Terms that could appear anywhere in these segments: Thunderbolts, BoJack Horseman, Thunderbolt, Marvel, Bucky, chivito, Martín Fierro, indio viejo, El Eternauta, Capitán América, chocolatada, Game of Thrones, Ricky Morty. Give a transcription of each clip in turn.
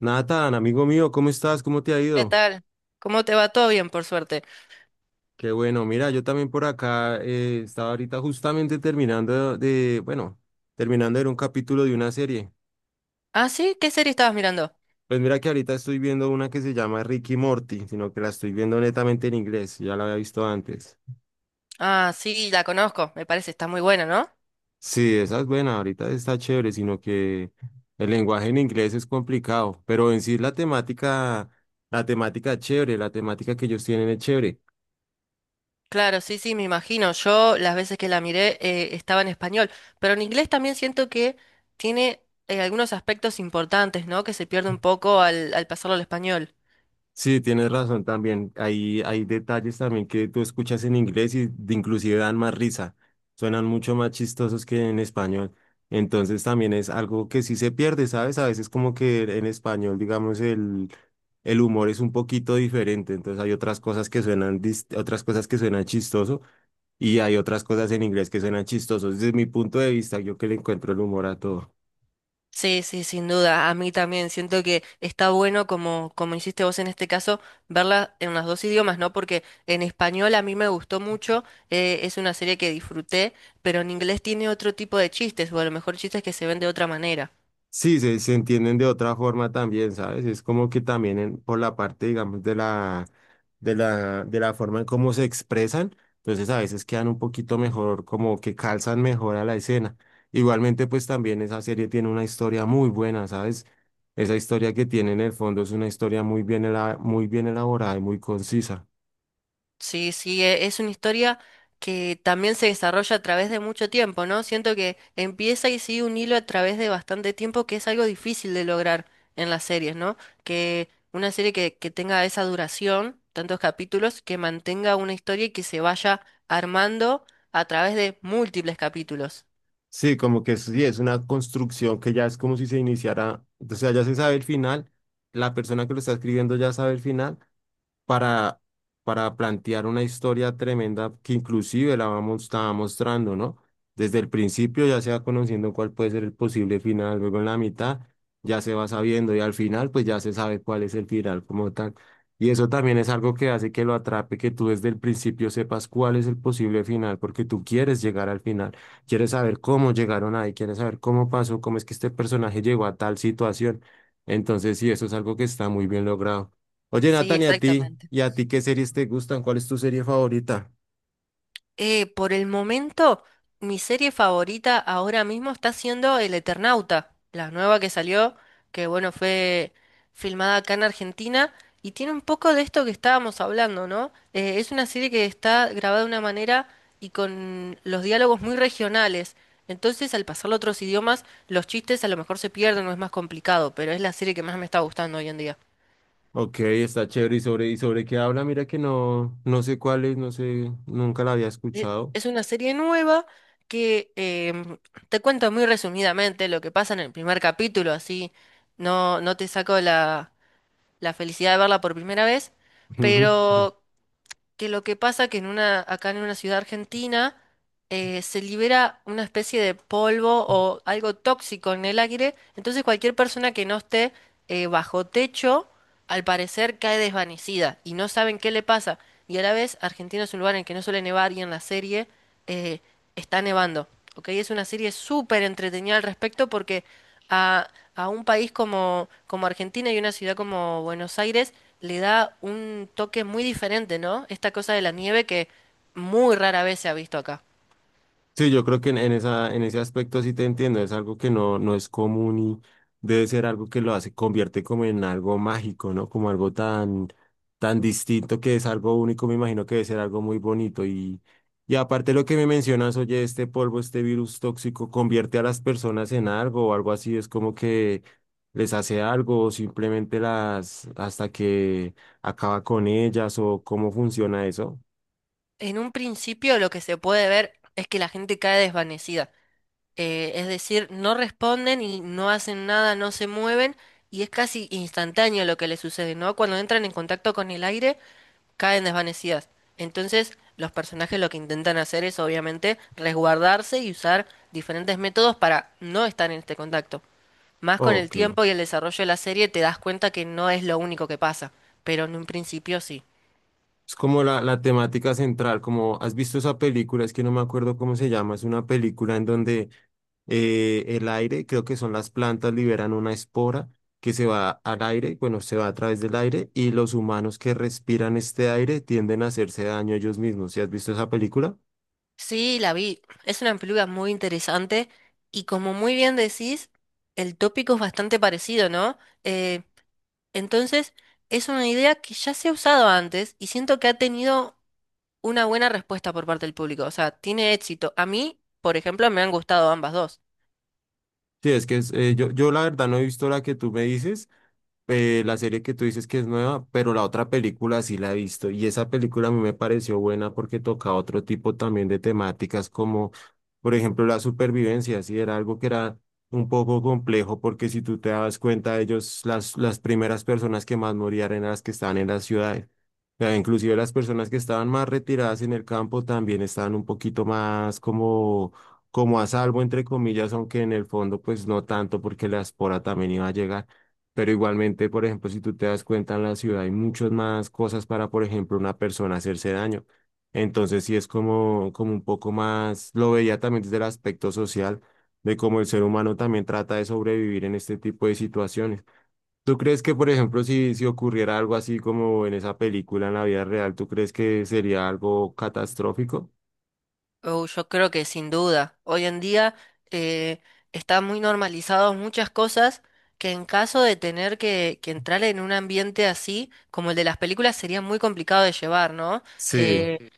Nathan, amigo mío, ¿cómo estás? ¿Cómo te ha ¿Qué ido? tal? ¿Cómo te va? Todo bien, por suerte. Qué bueno, mira, yo también por acá estaba ahorita justamente terminando bueno, terminando de ver un capítulo de una serie. Ah, sí, ¿qué serie estabas mirando? Pues mira que ahorita estoy viendo una que se llama Ricky Morty, sino que la estoy viendo netamente en inglés, ya la había visto antes. Ah, sí, la conozco, me parece, está muy buena, ¿no? Sí, esa es buena, ahorita está chévere, sino que el lenguaje en inglés es complicado, pero en sí la temática es chévere, la temática que ellos tienen es chévere. Claro, sí, sí, me imagino. Yo las veces que la miré estaba en español, pero en inglés también siento que tiene algunos aspectos importantes, ¿no? Que se pierde un poco al pasarlo al español. Sí, tienes razón también. Hay detalles también que tú escuchas en inglés y de- inclusive dan más risa. Suenan mucho más chistosos que en español. Entonces también es algo que sí se pierde, ¿sabes? A veces como que en español, digamos, el humor es un poquito diferente. Entonces hay otras cosas que suenan, otras cosas que suenan chistoso y hay otras cosas en inglés que suenan chistosos. Desde mi punto de vista, yo que le encuentro el humor a todo. Sí, sí, sin duda. A mí también siento que está bueno, como, como hiciste vos en este caso, verla en los dos idiomas, ¿no? Porque en español a mí me gustó mucho, es una serie que disfruté, pero en inglés tiene otro tipo de chistes, o a lo mejor chistes que se ven de otra manera. Sí, se entienden de otra forma también, ¿sabes? Es como que también por la parte, digamos, de la forma en cómo se expresan, entonces a veces quedan un poquito mejor, como que calzan mejor a la escena. Igualmente, pues también esa serie tiene una historia muy buena, ¿sabes? Esa historia que tiene en el fondo es una historia muy bien, muy bien elaborada y muy concisa. Sí, sí, es una historia que también se desarrolla a través de mucho tiempo, ¿no? Siento que empieza y sigue un hilo a través de bastante tiempo, que es algo difícil de lograr en las series, ¿no? Que una serie que tenga esa duración, tantos capítulos, que mantenga una historia y que se vaya armando a través de múltiples capítulos. Sí, como que sí, es una construcción que ya es como si se iniciara, o sea, ya se sabe el final, la persona que lo está escribiendo ya sabe el final para, para plantear una historia tremenda que inclusive la vamos, estaba mostrando, ¿no? Desde el principio ya se va conociendo cuál puede ser el posible final, luego en la mitad ya se va sabiendo y al final pues ya se sabe cuál es el final como tal. Y eso también es algo que hace que lo atrape, que tú desde el principio sepas cuál es el posible final, porque tú quieres llegar al final, quieres saber cómo llegaron ahí, quieres saber cómo pasó, cómo es que este personaje llegó a tal situación. Entonces, sí, eso es algo que está muy bien logrado. Oye, Sí, Nathan, ¿y a ti? exactamente. ¿Y a ti qué series te gustan? ¿Cuál es tu serie favorita? Por el momento, mi serie favorita ahora mismo está siendo El Eternauta, la nueva que salió, que bueno, fue filmada acá en Argentina y tiene un poco de esto que estábamos hablando, ¿no? Es una serie que está grabada de una manera y con los diálogos muy regionales. Entonces, al pasarlo a otros idiomas, los chistes a lo mejor se pierden o es más complicado, pero es la serie que más me está gustando hoy en día. Ok, está chévere. Y sobre qué habla? Mira que no, no sé cuál es, no sé, nunca la había escuchado. Es una serie nueva que te cuento muy resumidamente lo que pasa en el primer capítulo, así no, no te saco la, la felicidad de verla por primera vez, pero que lo que pasa que en una, acá en una ciudad argentina se libera una especie de polvo o algo tóxico en el aire, entonces cualquier persona que no esté bajo techo, al parecer cae desvanecida y no saben qué le pasa. Y a la vez, Argentina es un lugar en el que no suele nevar y en la serie eh, está nevando. ¿Ok? Es una serie súper entretenida al respecto porque a, a un país como, como Argentina y una ciudad como Buenos Aires le da un toque muy diferente, ¿no? Esta cosa de la nieve que muy rara vez se ha visto acá. Sí, yo creo que en esa, en ese aspecto sí te entiendo, es algo que no, no es común y debe ser algo que lo hace, convierte como en algo mágico, ¿no? Como algo tan, tan distinto que es algo único, me imagino que debe ser algo muy bonito. Y aparte lo que me mencionas, oye, este polvo, este virus tóxico, convierte a las personas en algo o algo así, es como que les hace algo o simplemente las, hasta que acaba con ellas o cómo funciona eso. En un principio lo que se puede ver es que la gente cae desvanecida. Es decir, no responden y no hacen nada, no se mueven y es casi instantáneo lo que les sucede, ¿no? Cuando entran en contacto con el aire, caen desvanecidas. Entonces, los personajes lo que intentan hacer es obviamente resguardarse y usar diferentes métodos para no estar en este contacto. Más con el Ok. tiempo y el desarrollo de la serie te das cuenta que no es lo único que pasa, pero en un principio sí. Es como la temática central, como has visto esa película, es que no me acuerdo cómo se llama, es una película en donde el aire, creo que son las plantas, liberan una espora que se va al aire, bueno, se va a través del aire y los humanos que respiran este aire tienden a hacerse daño ellos mismos. ¿Sí has visto esa película? Sí, la vi. Es una película muy interesante y como muy bien decís, el tópico es bastante parecido, ¿no? Eh, entonces, es una idea que ya se ha usado antes y siento que ha tenido una buena respuesta por parte del público. O sea, tiene éxito. A mí, por ejemplo, me han gustado ambas dos. Sí, es que es, yo, yo la verdad no he visto la que tú me dices, la serie que tú dices que es nueva, pero la otra película sí la he visto y esa película a mí me pareció buena porque toca otro tipo también de temáticas como, por ejemplo, la supervivencia, sí, era algo que era un poco complejo porque si tú te das cuenta, ellos, las primeras personas que más morían eran las que estaban en las ciudades. O sea, inclusive las personas que estaban más retiradas en el campo también estaban un poquito más como, como a salvo, entre comillas, aunque en el fondo pues no tanto porque la espora también iba a llegar. Pero igualmente, por ejemplo, si tú te das cuenta en la ciudad hay muchas más cosas para, por ejemplo, una persona hacerse daño. Entonces sí es como, como un poco más, lo veía también desde el aspecto social, de cómo el ser humano también trata de sobrevivir en este tipo de situaciones. ¿Tú crees que, por ejemplo, si ocurriera algo así como en esa película en la vida real, ¿tú crees que sería algo catastrófico? Oh, yo creo que sin duda. Hoy en día eh, están muy normalizadas muchas cosas que en caso de tener que entrar en un ambiente así, como el de las películas, sería muy complicado de llevar, ¿no? Sí, Eh,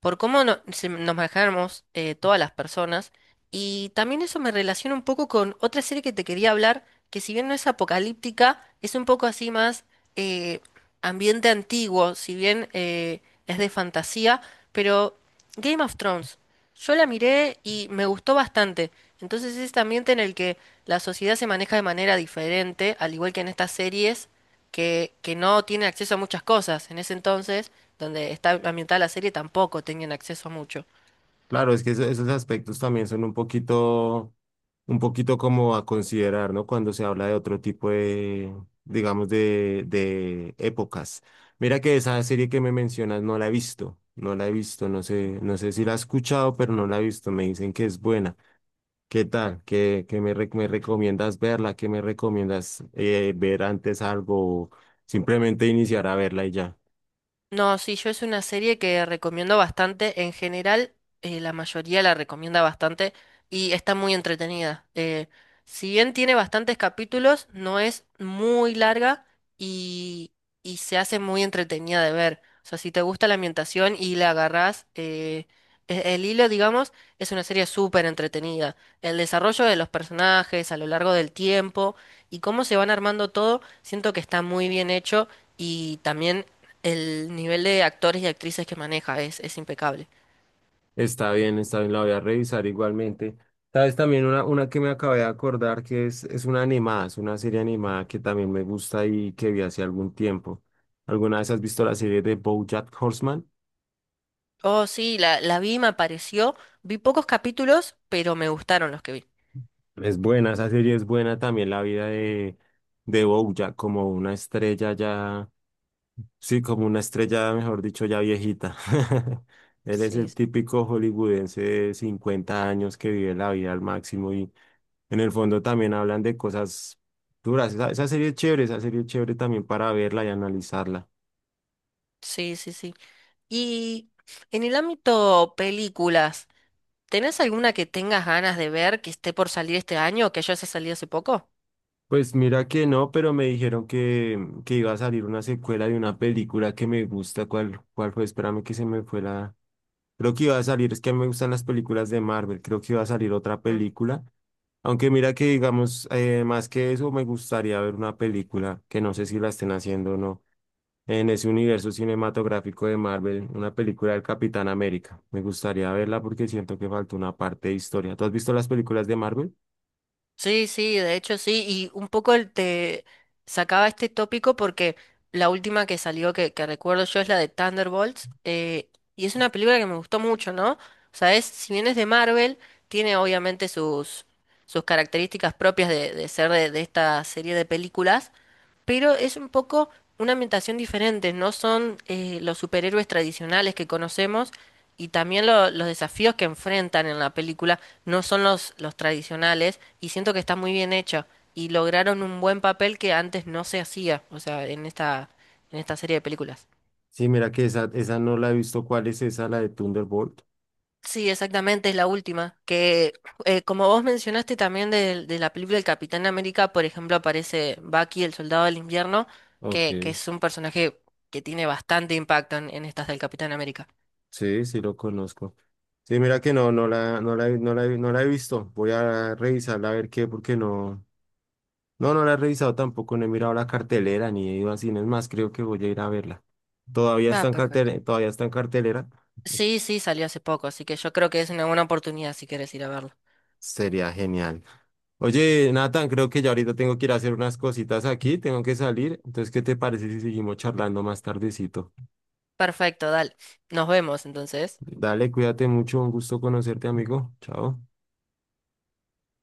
por cómo nos manejamos todas las personas. Y también eso me relaciona un poco con otra serie que te quería hablar, que si bien no es apocalíptica, es un poco así más eh, ambiente antiguo, si bien es de fantasía, pero Game of Thrones, yo la miré y me gustó bastante. Entonces es este ambiente en el que la sociedad se maneja de manera diferente, al igual que en estas series, que no tienen acceso a muchas cosas. En ese entonces, donde está ambientada la serie, tampoco tenían acceso a mucho. Claro, es que esos aspectos también son un poquito como a considerar, ¿no? Cuando se habla de otro tipo de, digamos, de épocas. Mira que esa serie que me mencionas no la he visto, no la he visto, no sé, no sé si la he escuchado, pero no la he visto. Me dicen que es buena. ¿Qué tal? ¿Qué, me recomiendas verla? ¿Qué me recomiendas ver antes algo? Simplemente iniciar a verla y ya. No, sí, yo es una serie que recomiendo bastante. En general, la mayoría la recomienda bastante y está muy entretenida. Si bien tiene bastantes capítulos, no es muy larga y, y se hace muy entretenida de ver. O sea, si te gusta la ambientación y la agarrás el hilo, digamos, es una serie súper entretenida. El desarrollo de los personajes a lo largo del tiempo y cómo se van armando todo, siento que está muy bien hecho. Y también el nivel de actores y actrices que maneja es impecable. Está bien, la voy a revisar igualmente. Sabes, también una que me acabé de acordar que es una animada, es una serie animada que también me gusta y que vi hace algún tiempo. ¿Alguna vez has visto la serie de BoJack Horseman? Oh, sí, la vi, me pareció. Vi pocos capítulos, pero me gustaron los que vi. Es buena, esa serie es buena también, la vida de BoJack como una estrella ya, sí, como una estrella, mejor dicho, ya viejita. Él es Sí, el típico hollywoodense de 50 años que vive la vida al máximo. En el fondo también hablan de cosas duras. Esa serie es chévere, esa serie es chévere también para verla y analizarla. sí, sí, sí. Y en el ámbito películas, ¿tenés alguna que tengas ganas de ver que esté por salir este año o que ya haya salido hace poco? Pues mira que no, pero me dijeron que iba a salir una secuela de una película que me gusta. ¿Cuál, cuál fue? Espérame que se me fue la... Creo que iba a salir, es que a mí me gustan las películas de Marvel, creo que iba a salir otra película. Aunque mira que digamos, más que eso, me gustaría ver una película que no sé si la estén haciendo o no, en ese universo cinematográfico de Marvel, una película del Capitán América. Me gustaría verla porque siento que falta una parte de historia. ¿Tú has visto las películas de Marvel? Sí, sí, de hecho sí, y un poco te sacaba este tópico porque la última que salió que recuerdo yo es la de Thunderbolts, y es una película que me gustó mucho, ¿no? O sea, es, si bien es de Marvel, tiene obviamente sus características propias de ser de esta serie de películas, pero es un poco una ambientación diferente, no son los superhéroes tradicionales que conocemos y también los desafíos que enfrentan en la película no son los tradicionales y siento que está muy bien hecho y lograron un buen papel que antes no se hacía, o sea, en esta serie de películas. Sí, mira que esa no la he visto. ¿Cuál es esa, la de Thunderbolt? Sí, exactamente, es la última. Que como vos mencionaste también la película El Capitán América, por ejemplo, aparece Bucky, el soldado del invierno, Ok, que es un personaje que tiene bastante impacto en estas del Capitán América. sí, sí lo conozco. Sí, mira que no, no la he visto. Voy a revisarla a ver qué, porque no, no, no la he revisado tampoco, no he mirado la cartelera ni he ido a cines más, creo que voy a ir a verla. Todavía está Ah, en perfecto. cartelera, todavía está en cartelera. Sí, sí, salió hace poco, así que yo creo que es una buena oportunidad si quieres ir a verlo. Sería genial. Oye, Nathan, creo que ya ahorita tengo que ir a hacer unas cositas aquí, tengo que salir. Entonces, ¿qué te parece Perfecto, dale. Nos vemos entonces.